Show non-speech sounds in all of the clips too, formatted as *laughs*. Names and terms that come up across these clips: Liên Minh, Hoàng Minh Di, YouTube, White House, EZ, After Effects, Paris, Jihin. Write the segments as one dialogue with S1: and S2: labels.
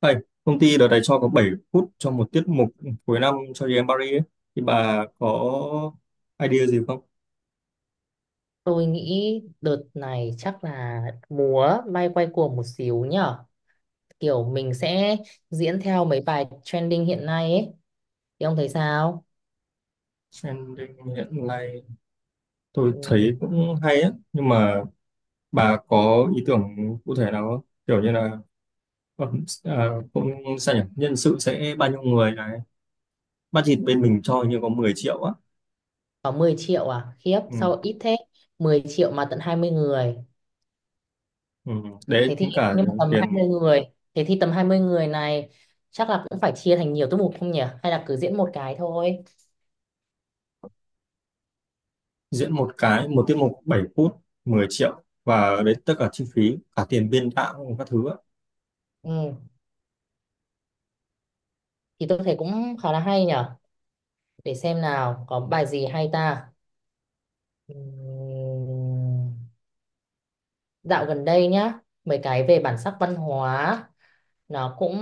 S1: Thầy, công ty đợt này cho có 7 phút cho một tiết mục cuối năm cho em Paris ấy. Thì bà có idea gì không?
S2: Tôi nghĩ đợt này chắc là múa may quay cuồng một xíu nhở. Kiểu mình sẽ diễn theo mấy bài trending hiện nay ấy. Thì ông thấy sao?
S1: Trending hiện nay tôi
S2: Ừ,
S1: thấy cũng hay á, nhưng mà bà có ý tưởng cụ thể nào không? Kiểu như là ờ, à, cũng sao nhỉ? Nhân sự sẽ bao nhiêu người này? Budget bên mình cho hình như có 10 triệu á.
S2: có 10 triệu à? Khiếp,
S1: Ừ,
S2: sao ít thế? Mười triệu mà tận 20 người.
S1: ừ. Đấy,
S2: Thế thì
S1: tính cả
S2: nhưng mà tầm 20
S1: tiền
S2: người. Thế thì tầm 20 người này chắc là cũng phải chia thành nhiều tiết mục không nhỉ? Hay là cứ diễn một cái thôi?
S1: diễn một cái, một tiết mục 7 phút, 10 triệu. Và đấy tất cả chi phí, cả tiền biên đạo, các thứ á.
S2: Ừ, thì tôi thấy cũng khá là hay nhở. Để xem nào, có bài gì hay ta? Ừ, Dạo gần đây nhá, mấy cái về bản sắc văn hóa nó cũng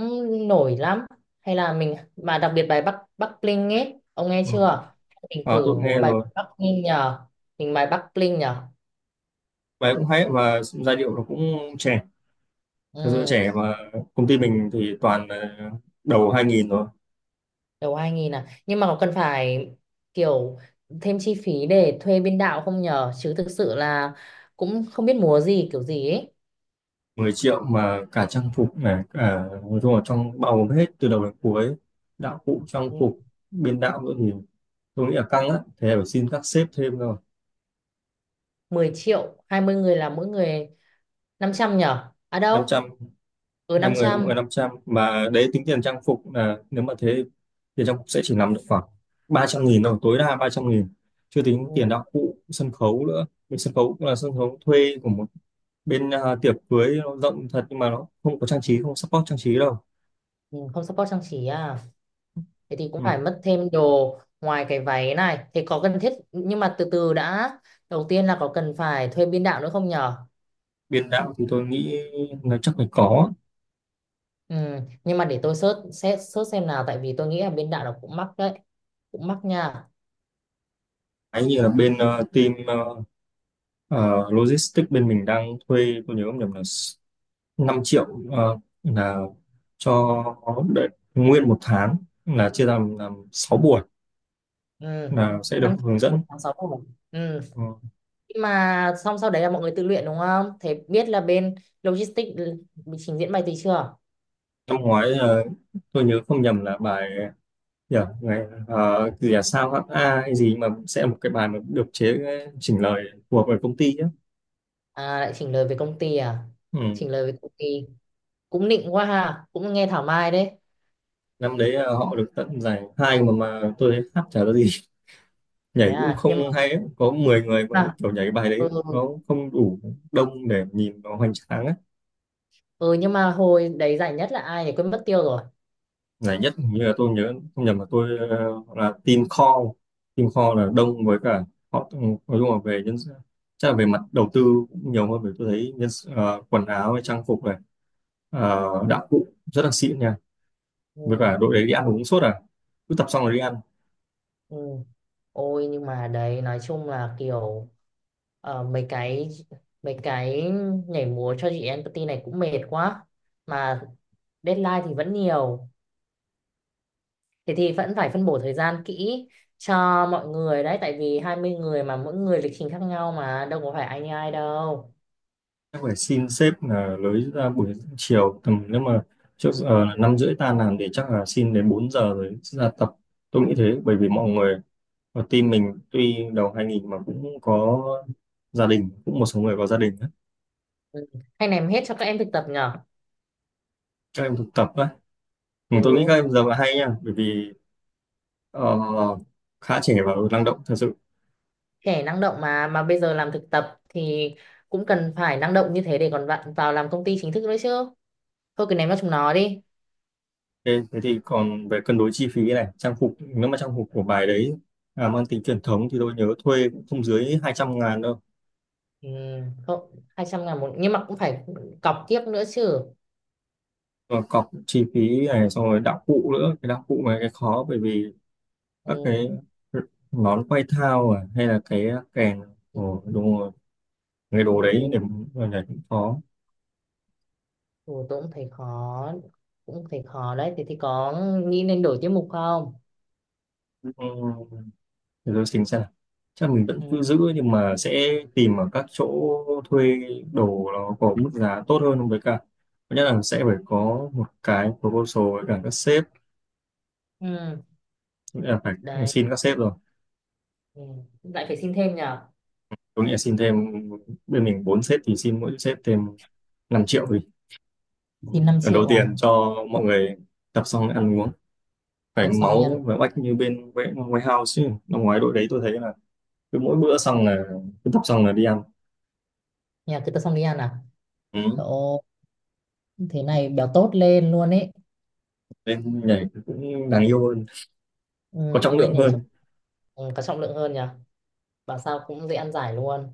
S2: nổi lắm. Hay là mình mà đặc biệt bài Bắc Bắc Bling ấy, ông nghe
S1: Ừ.
S2: chưa? Mình
S1: Ờ, tôi
S2: thử
S1: cũng nghe
S2: múa bài
S1: rồi,
S2: Bắc Bling nhờ. Mình bài Bắc Bling nhờ.
S1: bài cũng hay và giai điệu nó cũng trẻ, thật sự
S2: Ừ,
S1: trẻ, mà công ty mình thì toàn là đầu 2000 rồi.
S2: đầu 2000 à. Nhưng mà có cần phải kiểu thêm chi phí để thuê biên đạo không nhờ? Chứ thực sự là cũng không biết múa gì kiểu gì ấy.
S1: 10 triệu mà cả trang phục này, cả nói chung là trong bao gồm hết từ đầu đến cuối, đạo cụ trang
S2: Ừ,
S1: phục, biên đạo nữa thì tôi nghĩ là căng á, thế là phải xin các sếp thêm rồi.
S2: 10 triệu, 20 người là mỗi người 500 nhờ. À
S1: năm
S2: đâu?
S1: trăm
S2: Ừ
S1: hai người là mỗi
S2: 500.
S1: người 500, mà đấy tính tiền trang phục, là nếu mà thế tiền trang phục sẽ chỉ nằm được khoảng 300 nghìn thôi, tối đa 300 nghìn, chưa tính
S2: Ừ,
S1: tiền đạo cụ sân khấu nữa. Mình sân khấu cũng là sân khấu thuê của một bên à, tiệc cưới nó rộng thật nhưng mà nó không có trang trí, không support trang trí đâu.
S2: ừ, Không support trang trí à. Thế thì cũng
S1: Ừ.
S2: phải mất thêm đồ ngoài cái váy này. Thế có cần thiết nhưng mà từ từ đã. Đầu tiên là có cần phải thuê biên đạo nữa không nhở?
S1: Biên đạo thì tôi nghĩ là chắc phải có.
S2: Ừ, nhưng mà để tôi search xem nào tại vì tôi nghĩ là biên đạo nó cũng mắc đấy. Cũng mắc nha.
S1: Ấy như là bên team logistics bên mình đang thuê, tôi nhớ không nhầm là 5 triệu, ờ, là cho, đấy, nguyên một tháng, là chia làm 6 buổi
S2: Ừ,
S1: là sẽ được
S2: 5
S1: hướng
S2: triệu
S1: dẫn.
S2: một tháng 6 triệu. Ừ,
S1: Ờ,
S2: nhưng mà xong sau đấy là mọi người tự luyện đúng không? Thế biết là bên logistics bị trình diễn bài tí chưa?
S1: năm ngoái tôi nhớ không nhầm là bài, yeah, ngày gì là sao hát a hay gì, mà sẽ một cái bài mà được chế, chỉnh lời của bởi công ty ấy.
S2: À lại chỉnh lời về công ty à?
S1: Ừ.
S2: Chỉnh lời về công ty. Cũng nịnh quá ha, cũng nghe thảo mai đấy.
S1: Năm đấy họ được tận giải hai, mà tôi thấy hát chả ra gì *laughs*
S2: Thế
S1: nhảy cũng
S2: à,
S1: không
S2: nhưng mà
S1: hay ấy. Có 10 người mà
S2: à,
S1: kiểu nhảy cái bài đấy
S2: ừ.
S1: nó không đủ đông để nhìn nó hoành tráng ấy.
S2: Ừ nhưng mà hồi đấy giải nhất là ai nhỉ, quên mất tiêu rồi.
S1: Ngày nhất hình như là, tôi nhớ không nhầm là tôi hoặc là team call, team call là đông, với cả họ, ừ, nói chung là về nhân, chắc là về mặt đầu tư cũng nhiều hơn, bởi tôi thấy nhân sự- quần áo hay trang phục này, đạo cụ rất là xịn nha, với
S2: Ừ,
S1: cả đội đấy đi ăn uống suốt à, cứ tập xong rồi đi ăn.
S2: ừ. Nhưng mà đấy nói chung là kiểu ờ, mấy cái mấy cái nhảy múa cho chị empathy này cũng mệt quá, mà deadline thì vẫn nhiều, thế thì vẫn phải phân bổ thời gian kỹ cho mọi người đấy, tại vì 20 người mà mỗi người lịch trình khác nhau, mà đâu có phải ai như ai đâu.
S1: Chắc phải xin sếp là lấy ra buổi chiều tầm, nếu mà trước giờ là 5 rưỡi tan làm thì chắc là xin đến 4 giờ rồi ra tập. Tôi nghĩ thế, bởi vì mọi người, và team mình tuy đầu 2000 mà cũng có gia đình, cũng một số người có gia đình á.
S2: Ừ. Hay ném hết cho các em thực tập nhở.
S1: Các em thực tập á. Ừ, tôi nghĩ các
S2: Ừ,
S1: em giờ là hay nha, bởi vì ờ, khá trẻ và năng động thật sự.
S2: trẻ năng động mà bây giờ làm thực tập thì cũng cần phải năng động như thế để còn bạn vào làm công ty chính thức nữa chứ, thôi cứ ném vào chúng nó đi.
S1: Thế, thế thì còn về cân đối chi phí này, trang phục, nếu mà trang phục của bài đấy à, mang tính truyền thống thì tôi nhớ thuê cũng không dưới 200 ngàn đâu.
S2: ừ, Thôi 200 ngàn một nhưng mà cũng phải cọc tiếp nữa chứ.
S1: Và cọc chi phí này, xong rồi đạo cụ nữa. Cái đạo cụ này cái khó, bởi vì các
S2: Ừ.
S1: cái nón quay thao à, hay là cái kèn, ồ, đúng rồi. Cái đồ đấy
S2: Ừ.
S1: để cũng khó.
S2: Ừ, tôi cũng thấy khó, cũng thấy khó đấy. Thì có nghĩ nên đổi tiết mục không?
S1: Ừ. Thế tôi tính xem nào. Chắc mình vẫn cứ
S2: Ừ.
S1: giữ nhưng mà sẽ tìm ở các chỗ thuê đồ nó có mức giá tốt hơn, với cả thứ nhất là sẽ phải có một cái proposal với cả các sếp,
S2: Ừ.
S1: nghĩa là phải
S2: Đấy.
S1: xin các sếp rồi.
S2: Ừ. Lại phải xin thêm nhờ.
S1: Tôi nghĩ là xin thêm, bên mình 4 sếp thì xin mỗi sếp thêm 5 triệu đi,
S2: Xin 5
S1: lần đầu
S2: triệu à?
S1: tiên cho mọi người tập xong ăn uống phải
S2: Tập xong đi ăn.
S1: máu và oách như bên White- Whitehouse chứ. Năm ngoái đội đấy tôi thấy là cứ mỗi bữa xong là, cứ tập xong là đi ăn.
S2: Nhà cứ tập xong đi ăn à?
S1: Ừ.
S2: Ồ, thế này béo tốt lên luôn ấy.
S1: Nên nhảy cũng đáng yêu hơn,
S2: ừ,
S1: có trọng
S2: Lên
S1: lượng
S2: nhảy cho.
S1: hơn.
S2: Ừ, có trọng lượng hơn nhỉ, bảo sao cũng dễ ăn giải luôn.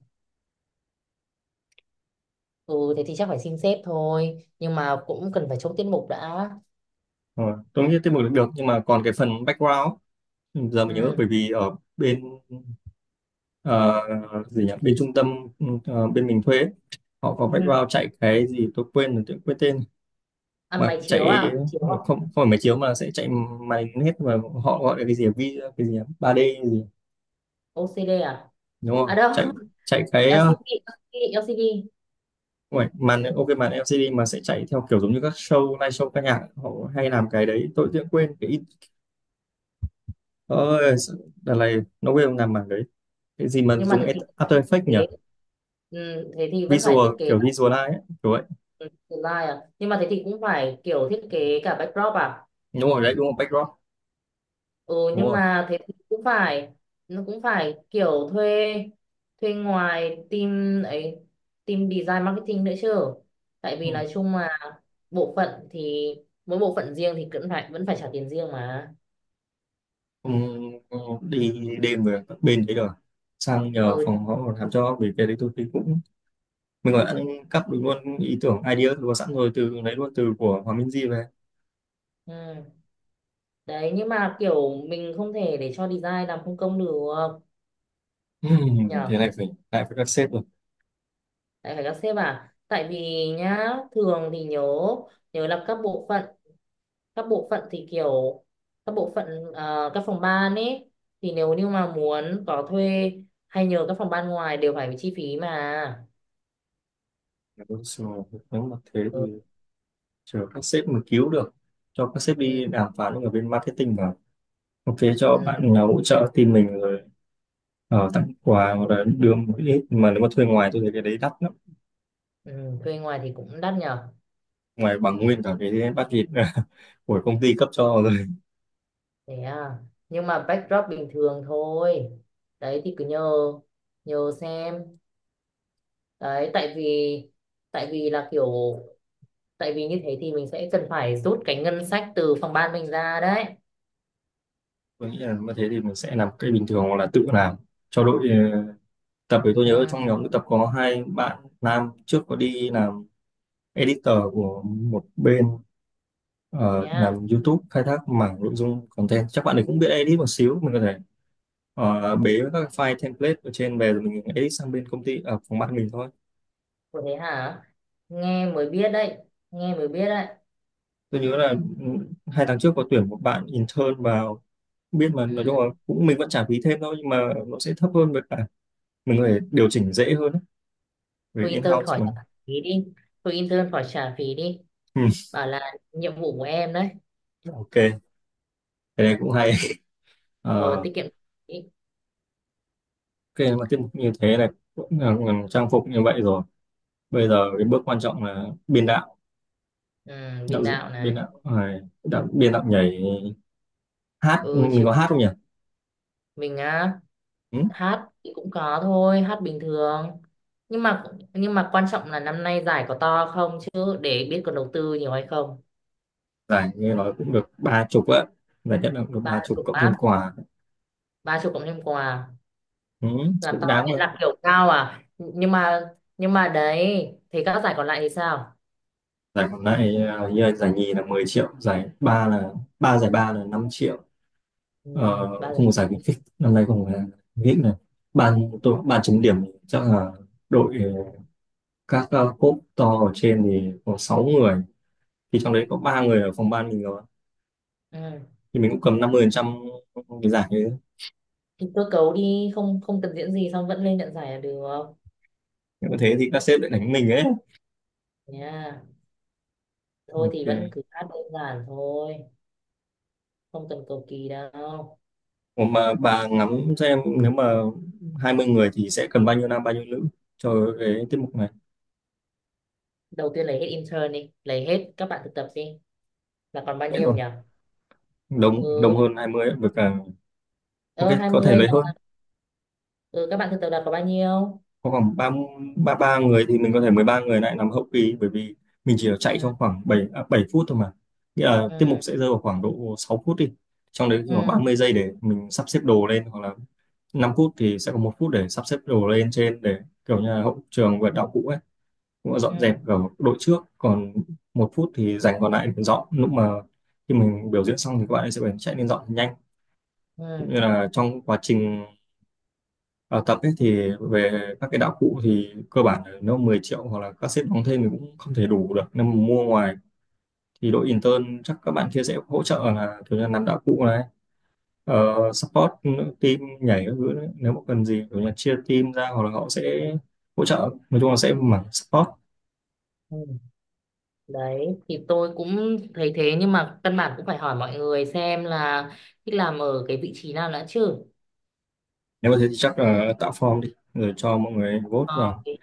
S2: Ừ thế thì chắc phải xin sếp thôi, nhưng mà cũng cần phải chốt tiết mục đã.
S1: Ờ, tôi nghĩ tiết mục được được, nhưng mà còn cái phần background ấy, giờ mình nhớ,
S2: Ừ.
S1: bởi vì ở bên ờ, gì nhỉ, bên trung tâm, ừ, ờ, bên mình thuê ấy, họ có
S2: Ừ.
S1: background chạy cái gì tôi quên rồi, tôi quên tên
S2: Ăn
S1: mà
S2: máy chiếu
S1: chạy,
S2: à, chiếu
S1: nó
S2: à?
S1: không không phải máy chiếu mà sẽ chạy màn hình hết mà. Họ gọi là cái gì, vi cái gì nhỉ? 3D gì
S2: OCD à?
S1: đúng không,
S2: À đâu.
S1: chạy,
S2: *laughs*
S1: chạy cái
S2: LCD. LCD.
S1: không phải, màn ok màn LCD, mà sẽ chạy theo kiểu giống như các show live show ca nhạc họ hay làm cái đấy, tôi tự nhiên quên. Cái ôi đợt này nó quên làm màn đấy. Cái gì mà
S2: Nhưng mà
S1: dùng
S2: thế thì phải
S1: After
S2: thiết
S1: Effects
S2: kế.
S1: nhỉ,
S2: ừ, Thế thì vẫn phải
S1: visual,
S2: thiết kế
S1: kiểu
S2: lại,
S1: visualize ấy, kiểu vậy.
S2: ừ, slide à? Nhưng mà thế thì cũng phải kiểu thiết kế cả backdrop à?
S1: Đúng rồi đấy, đúng rồi, backdrop.
S2: Ừ
S1: Đúng
S2: nhưng
S1: rồi.
S2: mà thế thì cũng phải nó cũng phải kiểu thuê, thuê ngoài team ấy, team design marketing nữa chứ. Tại
S1: Ừ.
S2: vì nói chung là bộ phận thì mỗi bộ phận riêng thì cũng phải vẫn phải trả tiền riêng mà.
S1: Ừ, ừ, đi đêm rồi các bên đấy rồi sang nhờ
S2: Ừ,
S1: phòng họ làm cho, vì cái đấy tôi thấy cũng, mình gọi đã, cắp được luôn ý tưởng, idea luôn sẵn rồi, từ lấy luôn từ của Hoàng Minh Di về.
S2: ừ. Đấy nhưng mà kiểu mình không thể để cho design làm không công được nhỉ.
S1: Thế này phải lại với các sếp rồi.
S2: Lại phải các sếp à, tại vì nhá thường thì nhớ, nhớ các bộ phận, các bộ phận thì kiểu các bộ phận các phòng ban ấy, thì nếu như mà muốn có thuê hay nhờ các phòng ban ngoài đều phải bị chi phí mà.
S1: Nếu mà- thế thì
S2: Ừ,
S1: chờ các sếp mà cứu được, cho các sếp
S2: ừ,
S1: đi đàm phán với ở bên marketing vào, ok cho
S2: ừ,
S1: bạn nào hỗ trợ team mình rồi tặng quà hoặc là đưa một ít, mà nếu mà thuê ngoài tôi thấy cái đấy đắt lắm,
S2: ừ, thuê ngoài thì cũng đắt nhở.
S1: ngoài bằng nguyên cả cái bát thịt *laughs* của công ty cấp cho rồi.
S2: Thế à, nhưng mà backdrop bình thường thôi. Đấy thì cứ nhờ, nhờ xem. Đấy tại vì, tại vì là kiểu tại vì như thế thì mình sẽ cần phải rút cái ngân sách từ phòng ban mình ra đấy.
S1: Tôi nghĩ là như thế thì mình sẽ làm cái bình thường hoặc là tự làm cho đội. Ờ, Tập thì tôi nhớ
S2: Ừ,
S1: trong nhóm tập có hai bạn nam, trước có đi làm editor của một bên,
S2: thế
S1: ờ, làm
S2: à.
S1: YouTube, khai thác mảng nội dung content, chắc bạn ấy cũng biết edit một xíu. Mình có thể bế các file template ở trên về rồi mình edit sang bên công ty ở phòng ban mình thôi.
S2: Ủa thế hả, nghe mới biết đấy, nghe mới biết đấy.
S1: Tôi nhớ là, ừ, hai tháng trước có tuyển một bạn intern vào. Không biết, mà
S2: ừ,
S1: nói chung là cũng mình vẫn trả phí thêm thôi, nhưng mà nó sẽ thấp hơn, với cả mình có thể điều chỉnh dễ hơn ấy, về
S2: Thôi intern
S1: in-house
S2: khỏi
S1: mà.
S2: trả phí đi. Thôi intern khỏi trả phí đi.
S1: Ừ.
S2: Bảo là nhiệm vụ của em đấy.
S1: Ok, cái này cũng hay.
S2: Rồi
S1: Ờ,
S2: tiết kiệm phí.
S1: ok mà tiết mục như thế này cũng là, trang phục như vậy rồi, bây giờ cái bước quan trọng là biên đạo,
S2: Ừ,
S1: đạo
S2: biên
S1: diễn
S2: đạo
S1: biên
S2: này.
S1: đạo, à, đạo biên đạo nhảy, hát. Ừ,
S2: Ừ
S1: mình
S2: chứ,
S1: có hát không nhỉ.
S2: mình á.
S1: Ừ.
S2: Hát thì cũng có thôi, hát bình thường, nhưng mà nhưng mà quan trọng là năm nay giải có to không chứ, để biết còn đầu tư nhiều hay không.
S1: Giải nghe nói cũng được ba chục á, giải nhất là cũng được
S2: Ba
S1: ba chục
S2: chục
S1: cộng thêm
S2: bát.
S1: quà.
S2: Ba chục cộng thêm quà.
S1: Ừ.
S2: Làm
S1: Cũng
S2: to
S1: đáng mà.
S2: ấy, làm kiểu cao à, nhưng mà đấy thì các giải còn lại thì sao?
S1: Giải còn lại à, như là giải nhì là 10 triệu, giải ba là, ba giải ba là 5 triệu,
S2: Ừ, ba giải.
S1: không có giải khuyến khích, năm nay không có giải khuyến khích này. Ban tôi, ban chấm điểm thì chắc là đội, các cốp to ở trên thì có 6 người, thì trong đấy có 3 người ở phòng ban mình rồi,
S2: Ừ.
S1: thì mình cũng cầm 50% cái giải như thế.
S2: Thì cơ cấu đi, không không cần diễn gì xong vẫn lên nhận giải là được.
S1: Nếu mà thế thì các sếp lại đánh mình ấy.
S2: Nha. Thôi thì vẫn
S1: Ok.
S2: cứ hát đơn giản thôi, không cần cầu kỳ đâu.
S1: Ủa mà bà ngắm xem, nếu mà 20 người thì sẽ cần bao nhiêu nam bao nhiêu nữ cho cái tiết mục này.
S2: Đầu tiên lấy hết intern đi, lấy hết các bạn thực tập đi, là còn bao
S1: Hết
S2: nhiêu
S1: luôn,
S2: nhỉ?
S1: đông đông
S2: Ừ.
S1: hơn 20, với cả. Ok,
S2: Ơ hai
S1: có thể
S2: mươi.
S1: lấy hơn.
S2: Ừ, các bạn thực tập là có bao nhiêu?
S1: Có khoảng ba, ba người thì mình có thể 13 người lại làm hậu kỳ, bởi vì mình chỉ chạy
S2: Ừ,
S1: trong khoảng 7 à, 7 phút thôi mà. Nghĩa là tiết mục
S2: ừ,
S1: sẽ rơi vào khoảng độ 6 phút đi. Trong đấy khoảng ba
S2: ừ,
S1: mươi giây để mình sắp xếp đồ lên hoặc là 5 phút thì sẽ có 1 phút để sắp xếp đồ lên trên, để kiểu như là hậu trường và đạo cụ ấy, cũng là dọn
S2: ừ,
S1: dẹp ở đội trước, còn 1 phút thì dành còn lại để dọn lúc mà khi mình biểu diễn xong thì các bạn ấy sẽ phải chạy lên dọn thật nhanh,
S2: ừ,
S1: cũng như là trong quá trình Ờ, tập ấy. Thì về các cái đạo cụ thì cơ bản là nó 10 triệu, hoặc là các sếp đóng thêm thì cũng không thể đủ được nên mà mua ngoài, thì đội intern chắc các bạn kia sẽ hỗ trợ, là kiểu như là làm đạo cụ này, support team nhảy các thứ đấy. Nếu mà cần gì kiểu như là chia team ra hoặc là họ sẽ hỗ trợ, nói chung là sẽ mảng support.
S2: ừ. Đấy thì tôi cũng thấy thế nhưng mà căn bản cũng phải hỏi mọi người xem là thích làm ở cái vị trí nào đã chứ.
S1: Nếu mà thế thì chắc là tạo form đi rồi cho mọi người vote
S2: Ờ,
S1: vào.
S2: thì-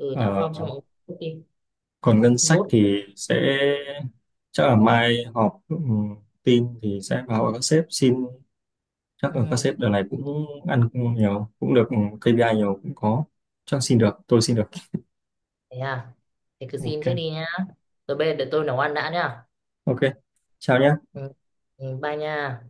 S2: Ừ, đã
S1: Ờ,
S2: phong cho mọi người vote đi.
S1: còn ngân sách
S2: Vote.
S1: thì sẽ, chắc là mai họp, ừ, team thì sẽ vào các sếp xin. Chắc
S2: Ừ,
S1: là các sếp đợt này cũng ăn nhiều cũng được, ừ, KPI nhiều cũng có, chắc xin được, tôi xin được.
S2: thế à. Thế cứ xin
S1: Ok.
S2: trước đi nhá. Rồi bây giờ để tôi nấu ăn đã nhá.
S1: Ok, chào nhé.
S2: Ừ, ừ, bye nha.